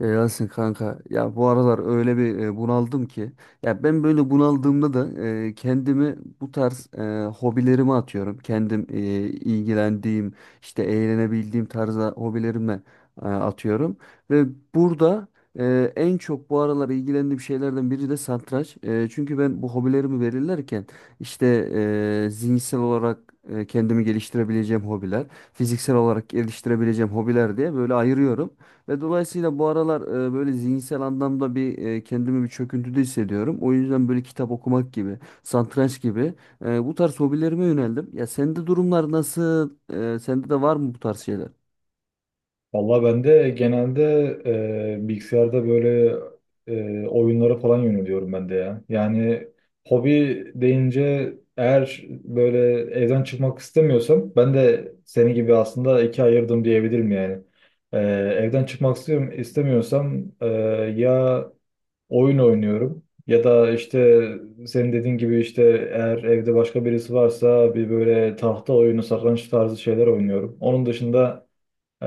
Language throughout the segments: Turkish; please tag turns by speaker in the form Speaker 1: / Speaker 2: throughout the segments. Speaker 1: Ya Yasin kanka ya bu aralar öyle bir bunaldım ki ya ben böyle bunaldığımda da kendimi bu tarz hobilerime atıyorum. Kendim ilgilendiğim işte eğlenebildiğim tarzda hobilerime atıyorum. Ve burada en çok bu aralar ilgilendiğim şeylerden biri de satranç. Çünkü ben bu hobilerimi belirlerken işte zihinsel olarak kendimi geliştirebileceğim hobiler, fiziksel olarak geliştirebileceğim hobiler diye böyle ayırıyorum. Ve dolayısıyla bu aralar böyle zihinsel anlamda bir kendimi bir çöküntüde hissediyorum. O yüzden böyle kitap okumak gibi, satranç gibi bu tarz hobilerime yöneldim. Ya sende durumlar nasıl? Sende de var mı bu tarz şeyler?
Speaker 2: Valla ben de genelde bilgisayarda böyle oyunlara falan yöneliyorum ben de ya. Yani hobi deyince eğer böyle evden çıkmak istemiyorsam ben de seni gibi aslında ikiye ayırdım diyebilirim yani. E, evden çıkmak istiyorum, istemiyorsam ya oyun oynuyorum ya da işte senin dediğin gibi işte eğer evde başka birisi varsa bir böyle tahta oyunu, satranç tarzı şeyler oynuyorum. Onun dışında ee,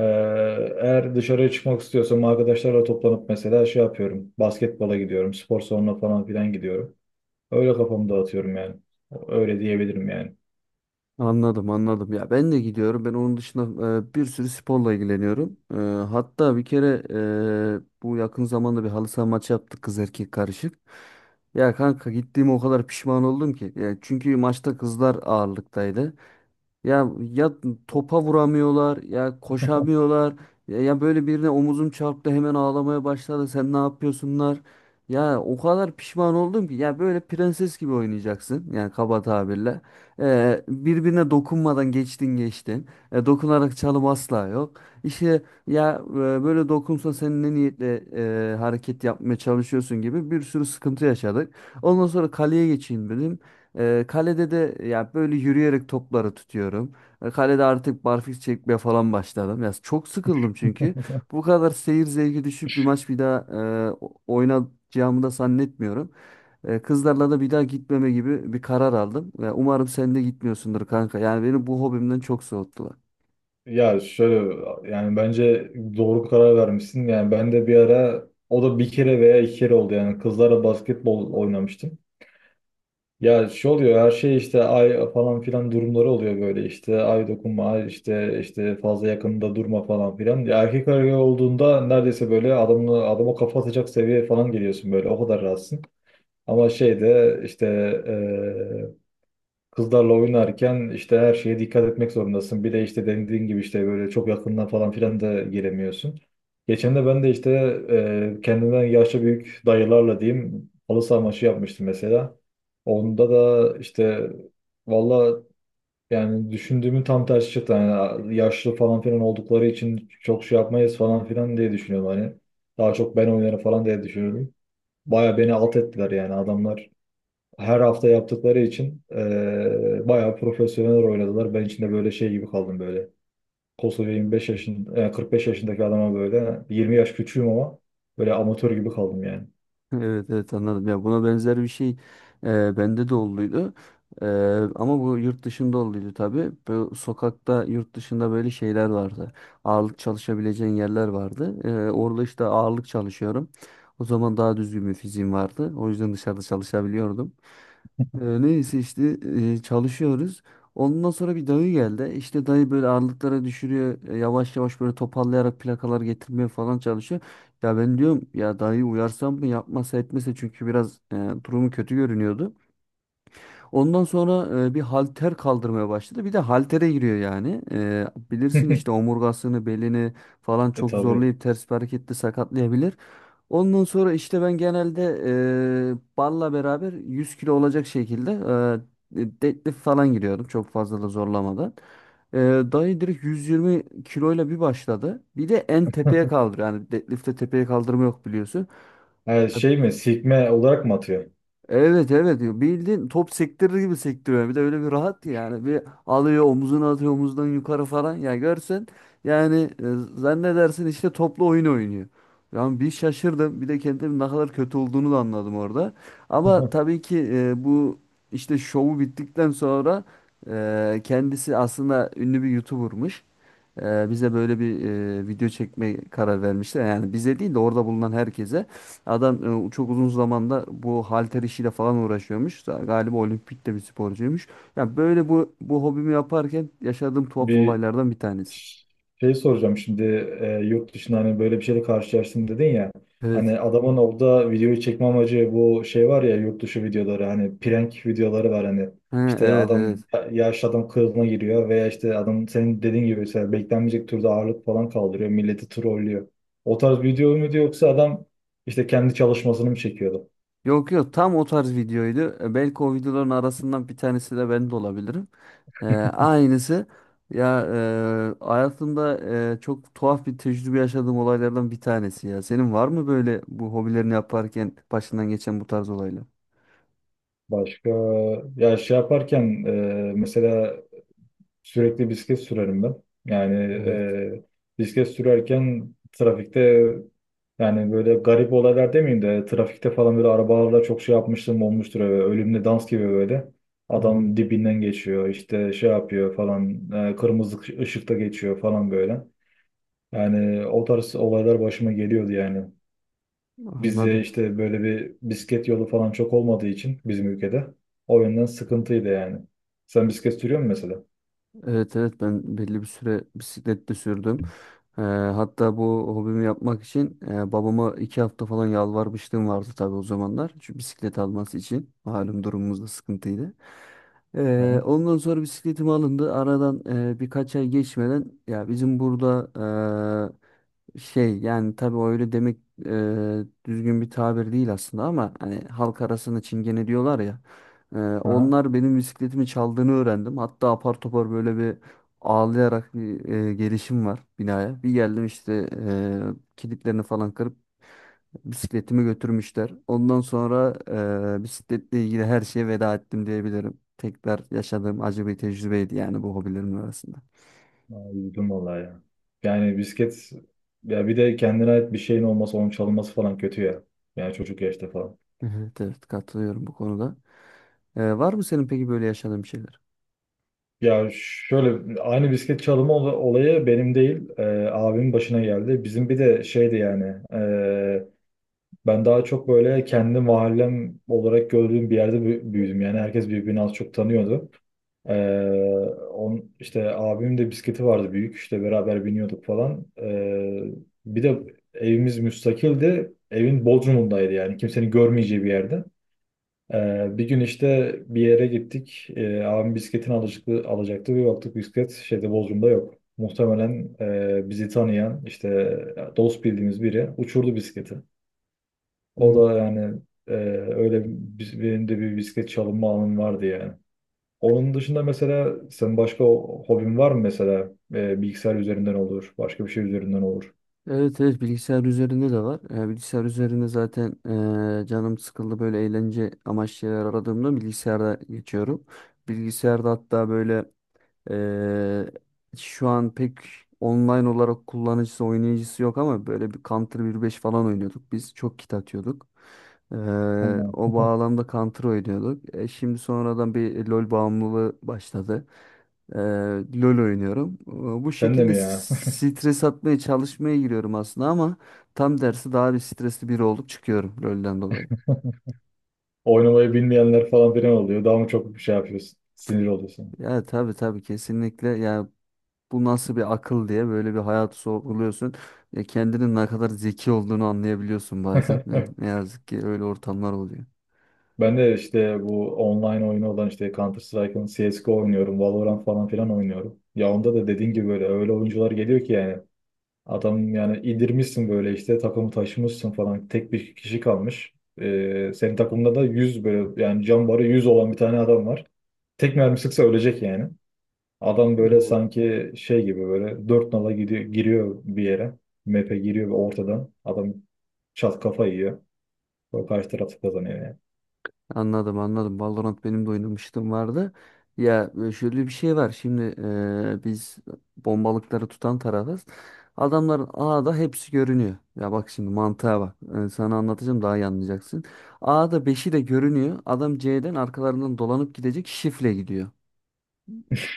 Speaker 2: eğer dışarıya çıkmak istiyorsam arkadaşlarla toplanıp mesela şey yapıyorum. Basketbola gidiyorum, spor salonuna falan filan gidiyorum. Öyle kafamı dağıtıyorum yani. Öyle diyebilirim yani.
Speaker 1: Anladım, anladım. Ya ben de gidiyorum. Ben onun dışında bir sürü sporla ilgileniyorum. Hatta bir kere bu yakın zamanda bir halı saha maçı yaptık, kız erkek karışık. Ya kanka, gittiğime o kadar pişman oldum ki. Ya çünkü maçta kızlar ağırlıktaydı. Ya ya topa vuramıyorlar, ya koşamıyorlar. Ya böyle birine omuzum çarptı, hemen ağlamaya başladı. Sen ne yapıyorsunlar? Ya o kadar pişman oldum ki, ya böyle prenses gibi oynayacaksın yani, kaba tabirle. Birbirine dokunmadan geçtin geçtin. Dokunarak çalım asla yok. İşte ya, böyle dokunsa sen ne niyetle hareket yapmaya çalışıyorsun gibi bir sürü sıkıntı yaşadık. Ondan sonra kaleye geçeyim dedim. Kalede de ya böyle yürüyerek topları tutuyorum. Kalede artık barfiks çekmeye falan başladım. Ya çok sıkıldım çünkü. Bu kadar seyir zevki düşük bir maç bir daha oynayacağımı da zannetmiyorum. Kızlarla da bir daha gitmeme gibi bir karar aldım. Ya umarım sen de gitmiyorsundur kanka. Yani beni bu hobimden çok soğuttular.
Speaker 2: Ya şöyle yani bence doğru karar vermişsin. Yani ben de bir ara o da bir kere veya iki kere oldu yani kızlarla basketbol oynamıştım. Ya şey oluyor her şey işte ay falan filan durumları oluyor böyle işte ay dokunma ay işte işte fazla yakında durma falan filan. Ya erkek arıyor olduğunda neredeyse böyle adamla adama kafa atacak seviyeye falan geliyorsun böyle o kadar rahatsın. Ama şeyde işte kızlarla oynarken işte her şeye dikkat etmek zorundasın. Bir de işte dediğin gibi işte böyle çok yakından falan filan da giremiyorsun. Geçen de ben de işte kendimden yaşça büyük dayılarla diyeyim halı saha maçı yapmıştım mesela. Onda da işte valla yani düşündüğümün tam tersi çıktı. Yani yaşlı falan filan oldukları için çok şey yapmayız falan filan diye düşünüyorum hani. Daha çok ben oynarım falan diye düşünüyorum. Baya beni alt ettiler yani adamlar her hafta yaptıkları için bayağı profesyonel oynadılar. Ben içinde böyle şey gibi kaldım böyle. Kosova 25 yaşın, 45 yaşındaki adama böyle 20 yaş küçüğüm ama böyle amatör gibi kaldım yani.
Speaker 1: Evet, evet, anladım. Ya buna benzer bir şey bende de olduydu. E, Ama bu yurt dışında olduydu tabii. Bu sokakta yurt dışında böyle şeyler vardı. Ağırlık çalışabileceğin yerler vardı. Orada işte ağırlık çalışıyorum. O zaman daha düzgün bir fiziğim vardı. O yüzden dışarıda çalışabiliyordum. Neyse işte çalışıyoruz. Ondan sonra bir dayı geldi. İşte dayı böyle ağırlıklara düşürüyor. Yavaş yavaş böyle toparlayarak plakalar getirmeye falan çalışıyor. Ya ben diyorum ya dayı uyarsam mı yapmasa etmese çünkü biraz durumu kötü görünüyordu. Ondan sonra bir halter kaldırmaya başladı. Bir de haltere giriyor yani. E, bilirsin işte omurgasını, belini falan
Speaker 2: E
Speaker 1: çok
Speaker 2: tabii.
Speaker 1: zorlayıp ters bir hareketle sakatlayabilir. Ondan sonra işte ben genelde barla beraber 100 kilo olacak şekilde deadlift falan giriyordum. Çok fazla da zorlamadan. E, Dayı direkt 120 kiloyla bir başladı. Bir de en tepeye kaldır. Yani deadlift'te tepeye kaldırma yok biliyorsun.
Speaker 2: Ha, şey mi? Sikme olarak mı atıyor?
Speaker 1: Evet, evet, diyor. Bildiğin top sektirir gibi sektiriyor. Bir de öyle bir rahat ki yani. Bir alıyor omuzuna atıyor, omuzdan yukarı falan. Ya görsen yani, zannedersin işte toplu oyun oynuyor. Yani bir şaşırdım. Bir de kendim ne kadar kötü olduğunu da anladım orada. Ama tabii ki bu işte şovu bittikten sonra kendisi aslında ünlü bir YouTuber'mış. Bize böyle bir video çekme karar vermişler. Yani bize değil de orada bulunan herkese. Adam çok uzun zamanda bu halter işiyle falan uğraşıyormuş. Galiba olimpikte bir sporcuymuş. Ya böyle bu hobimi yaparken yaşadığım tuhaf
Speaker 2: Bir
Speaker 1: olaylardan bir tanesi.
Speaker 2: şey soracağım şimdi, yurt dışında hani böyle bir şeyle karşılaştım dedin ya.
Speaker 1: Evet.
Speaker 2: Hani adamın orada videoyu çekme amacı bu şey var ya, yurt dışı videoları hani prank videoları var hani.
Speaker 1: Ha,
Speaker 2: İşte
Speaker 1: evet,
Speaker 2: adam
Speaker 1: evet.
Speaker 2: yaşlı adam kılığına giriyor veya işte adam senin dediğin gibi mesela beklenmeyecek türde ağırlık falan kaldırıyor. Milleti trollüyor. O tarz video muydu yoksa adam işte kendi çalışmasını mı çekiyordu?
Speaker 1: Yok, yok, tam o tarz videoydu. E, belki o videoların arasından bir tanesi de ben de olabilirim. Aynısı. Ya hayatımda çok tuhaf bir tecrübe yaşadığım olaylardan bir tanesi ya. Senin var mı böyle bu hobilerini yaparken başından geçen bu tarz olaylar?
Speaker 2: Başka ya şey yaparken, mesela sürekli bisiklet sürerim ben. Yani
Speaker 1: Evet.
Speaker 2: bisiklet sürerken trafikte yani böyle garip olaylar demeyeyim de trafikte falan böyle arabalarla çok şey yapmıştım olmuştur. Öyle, ölümle dans gibi böyle.
Speaker 1: Hı.
Speaker 2: Adam dibinden geçiyor işte şey yapıyor falan, kırmızı ışıkta geçiyor falan böyle. Yani o tarz olaylar başıma geliyordu yani. Bizde
Speaker 1: Anladım.
Speaker 2: işte böyle bir bisiklet yolu falan çok olmadığı için bizim ülkede, o yönden sıkıntıydı yani. Sen bisiklet sürüyor musun mesela?
Speaker 1: Evet, evet, ben belli bir süre bisiklet de sürdüm. Hatta bu hobimi yapmak için babama iki hafta falan yalvarmışlığım vardı tabii o zamanlar. Şu bisiklet alması için. Malum durumumuz da sıkıntıydı.
Speaker 2: Hı hı.
Speaker 1: Ondan sonra bisikletim alındı. Aradan birkaç ay geçmeden ya bizim burada şey yani tabii o öyle demek düzgün bir tabir değil aslında ama hani halk arasında çingene diyorlar ya.
Speaker 2: Hı hı.
Speaker 1: Onlar benim bisikletimi çaldığını öğrendim. Hatta apar topar böyle bir ağlayarak bir gelişim var binaya. Bir geldim işte kilitlerini falan kırıp bisikletimi götürmüşler. Ondan sonra bisikletle ilgili her şeye veda ettim diyebilirim. Tekrar yaşadığım acı bir tecrübeydi yani bu hobilerimin arasında.
Speaker 2: Aa, üzüldüm vallahi ya. Yani bisiklet, ya bir de kendine ait bir şeyin olması onun çalınması falan kötü ya. Yani çocuk yaşta falan.
Speaker 1: Evet, evet, katılıyorum bu konuda. Var mı senin peki böyle yaşadığın şeyler?
Speaker 2: Ya şöyle, aynı bisiklet çalımı olayı benim değil, abimin başına geldi. Bizim bir de şeydi yani ben daha çok böyle kendi mahallem olarak gördüğüm bir yerde büyüdüm. Yani herkes birbirini az çok tanıyordu. Ee, on, işte abimin de bisikleti vardı büyük. İşte beraber biniyorduk falan. Bir de evimiz müstakildi. Evin Bodrum'undaydı yani. Kimsenin görmeyeceği bir yerde. Bir gün işte bir yere gittik. Abim bisikletini alacaktı. Bir baktık bisiklet şeyde Bodrum'da yok. Muhtemelen bizi tanıyan işte dost bildiğimiz biri uçurdu bisikleti. O
Speaker 1: Hı.
Speaker 2: da yani e, benim de bir bisiklet çalınma anım vardı yani. Onun dışında mesela sen başka hobin var mı mesela? E, bilgisayar üzerinden olur, başka bir şey üzerinden olur.
Speaker 1: Evet, evet, bilgisayar üzerinde de var. Bilgisayar üzerinde zaten canım sıkıldı böyle eğlence amaçlı şeyler aradığımda bilgisayarda geçiyorum. Bilgisayarda hatta böyle Ee, şu an pek online olarak kullanıcısı, oynayıcısı yok ama böyle bir Counter 1.5 falan oynuyorduk biz. Çok kit atıyorduk. Ee,
Speaker 2: Ha.
Speaker 1: O bağlamda Counter oynuyorduk. E, şimdi sonradan bir LoL bağımlılığı başladı. Ee, LoL oynuyorum. Bu
Speaker 2: Sen de
Speaker 1: şekilde
Speaker 2: mi ya?
Speaker 1: stres atmaya çalışmaya giriyorum aslında ama tam dersi daha bir stresli biri olup çıkıyorum LoL'den dolayı.
Speaker 2: Oynamayı bilmeyenler falan filan oluyor. Daha mı çok bir şey yapıyorsun? Sinir oluyorsun.
Speaker 1: Ya tabii, tabii, kesinlikle. Ya bu nasıl bir akıl diye böyle bir hayatı sorguluyorsun. Kendinin ne kadar zeki olduğunu anlayabiliyorsun bazen. E, ne yazık ki öyle ortamlar oluyor.
Speaker 2: Ben de işte bu online oyunu olan işte Counter Strike'ın CSGO oynuyorum. Valorant falan filan oynuyorum. Ya onda da dediğin gibi böyle öyle oyuncular geliyor ki yani. Adam yani indirmişsin böyle işte takımı taşımışsın falan. Tek bir kişi kalmış. Senin takımda da 100 böyle yani can barı 100 olan bir tane adam var. Tek mermi sıksa ölecek yani. Adam böyle
Speaker 1: Evet.
Speaker 2: sanki şey gibi böyle dört nala gidiyor, giriyor bir yere. Map'e giriyor ve ortadan. Adam çat kafa yiyor. O karşı taraf kazanıyor yani.
Speaker 1: Anladım, anladım. Valorant benim de oynamıştım vardı. Ya şöyle bir şey var. Şimdi biz bombalıkları tutan tarafız. Adamların A'da hepsi görünüyor. Ya bak şimdi mantığa bak. Sana anlatacağım daha iyi anlayacaksın. A'da beşi de görünüyor. Adam C'den arkalarından dolanıp gidecek, şifle gidiyor.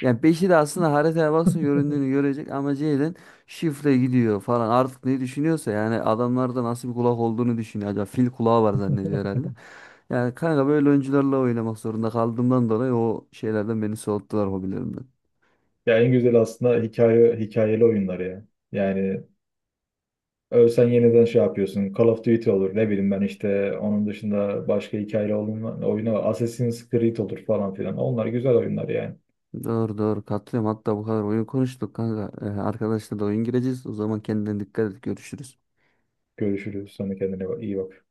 Speaker 1: Yani beşi de aslında haritaya baksın göründüğünü görecek ama Jalen şifre gidiyor falan, artık ne düşünüyorsa yani adamlarda nasıl bir kulak olduğunu düşünüyor. Acaba fil kulağı var zannediyor herhalde. Yani kanka böyle oyuncularla oynamak zorunda kaldığımdan dolayı o şeylerden beni soğuttular, hobilerimden.
Speaker 2: Ya en güzel aslında hikaye, hikayeli oyunlar ya. Yani ölsen yeniden şey yapıyorsun. Call of Duty olur. Ne bileyim ben işte onun dışında başka hikayeli oyunu Assassin's Creed olur falan filan. Onlar güzel oyunlar yani.
Speaker 1: Doğru, doğru, katılıyorum, hatta bu kadar oyun konuştuk kanka. Arkadaşlar da oyun gireceğiz, o zaman kendine dikkat et, görüşürüz.
Speaker 2: Görüşürüz. Sonra kendine iyi bak.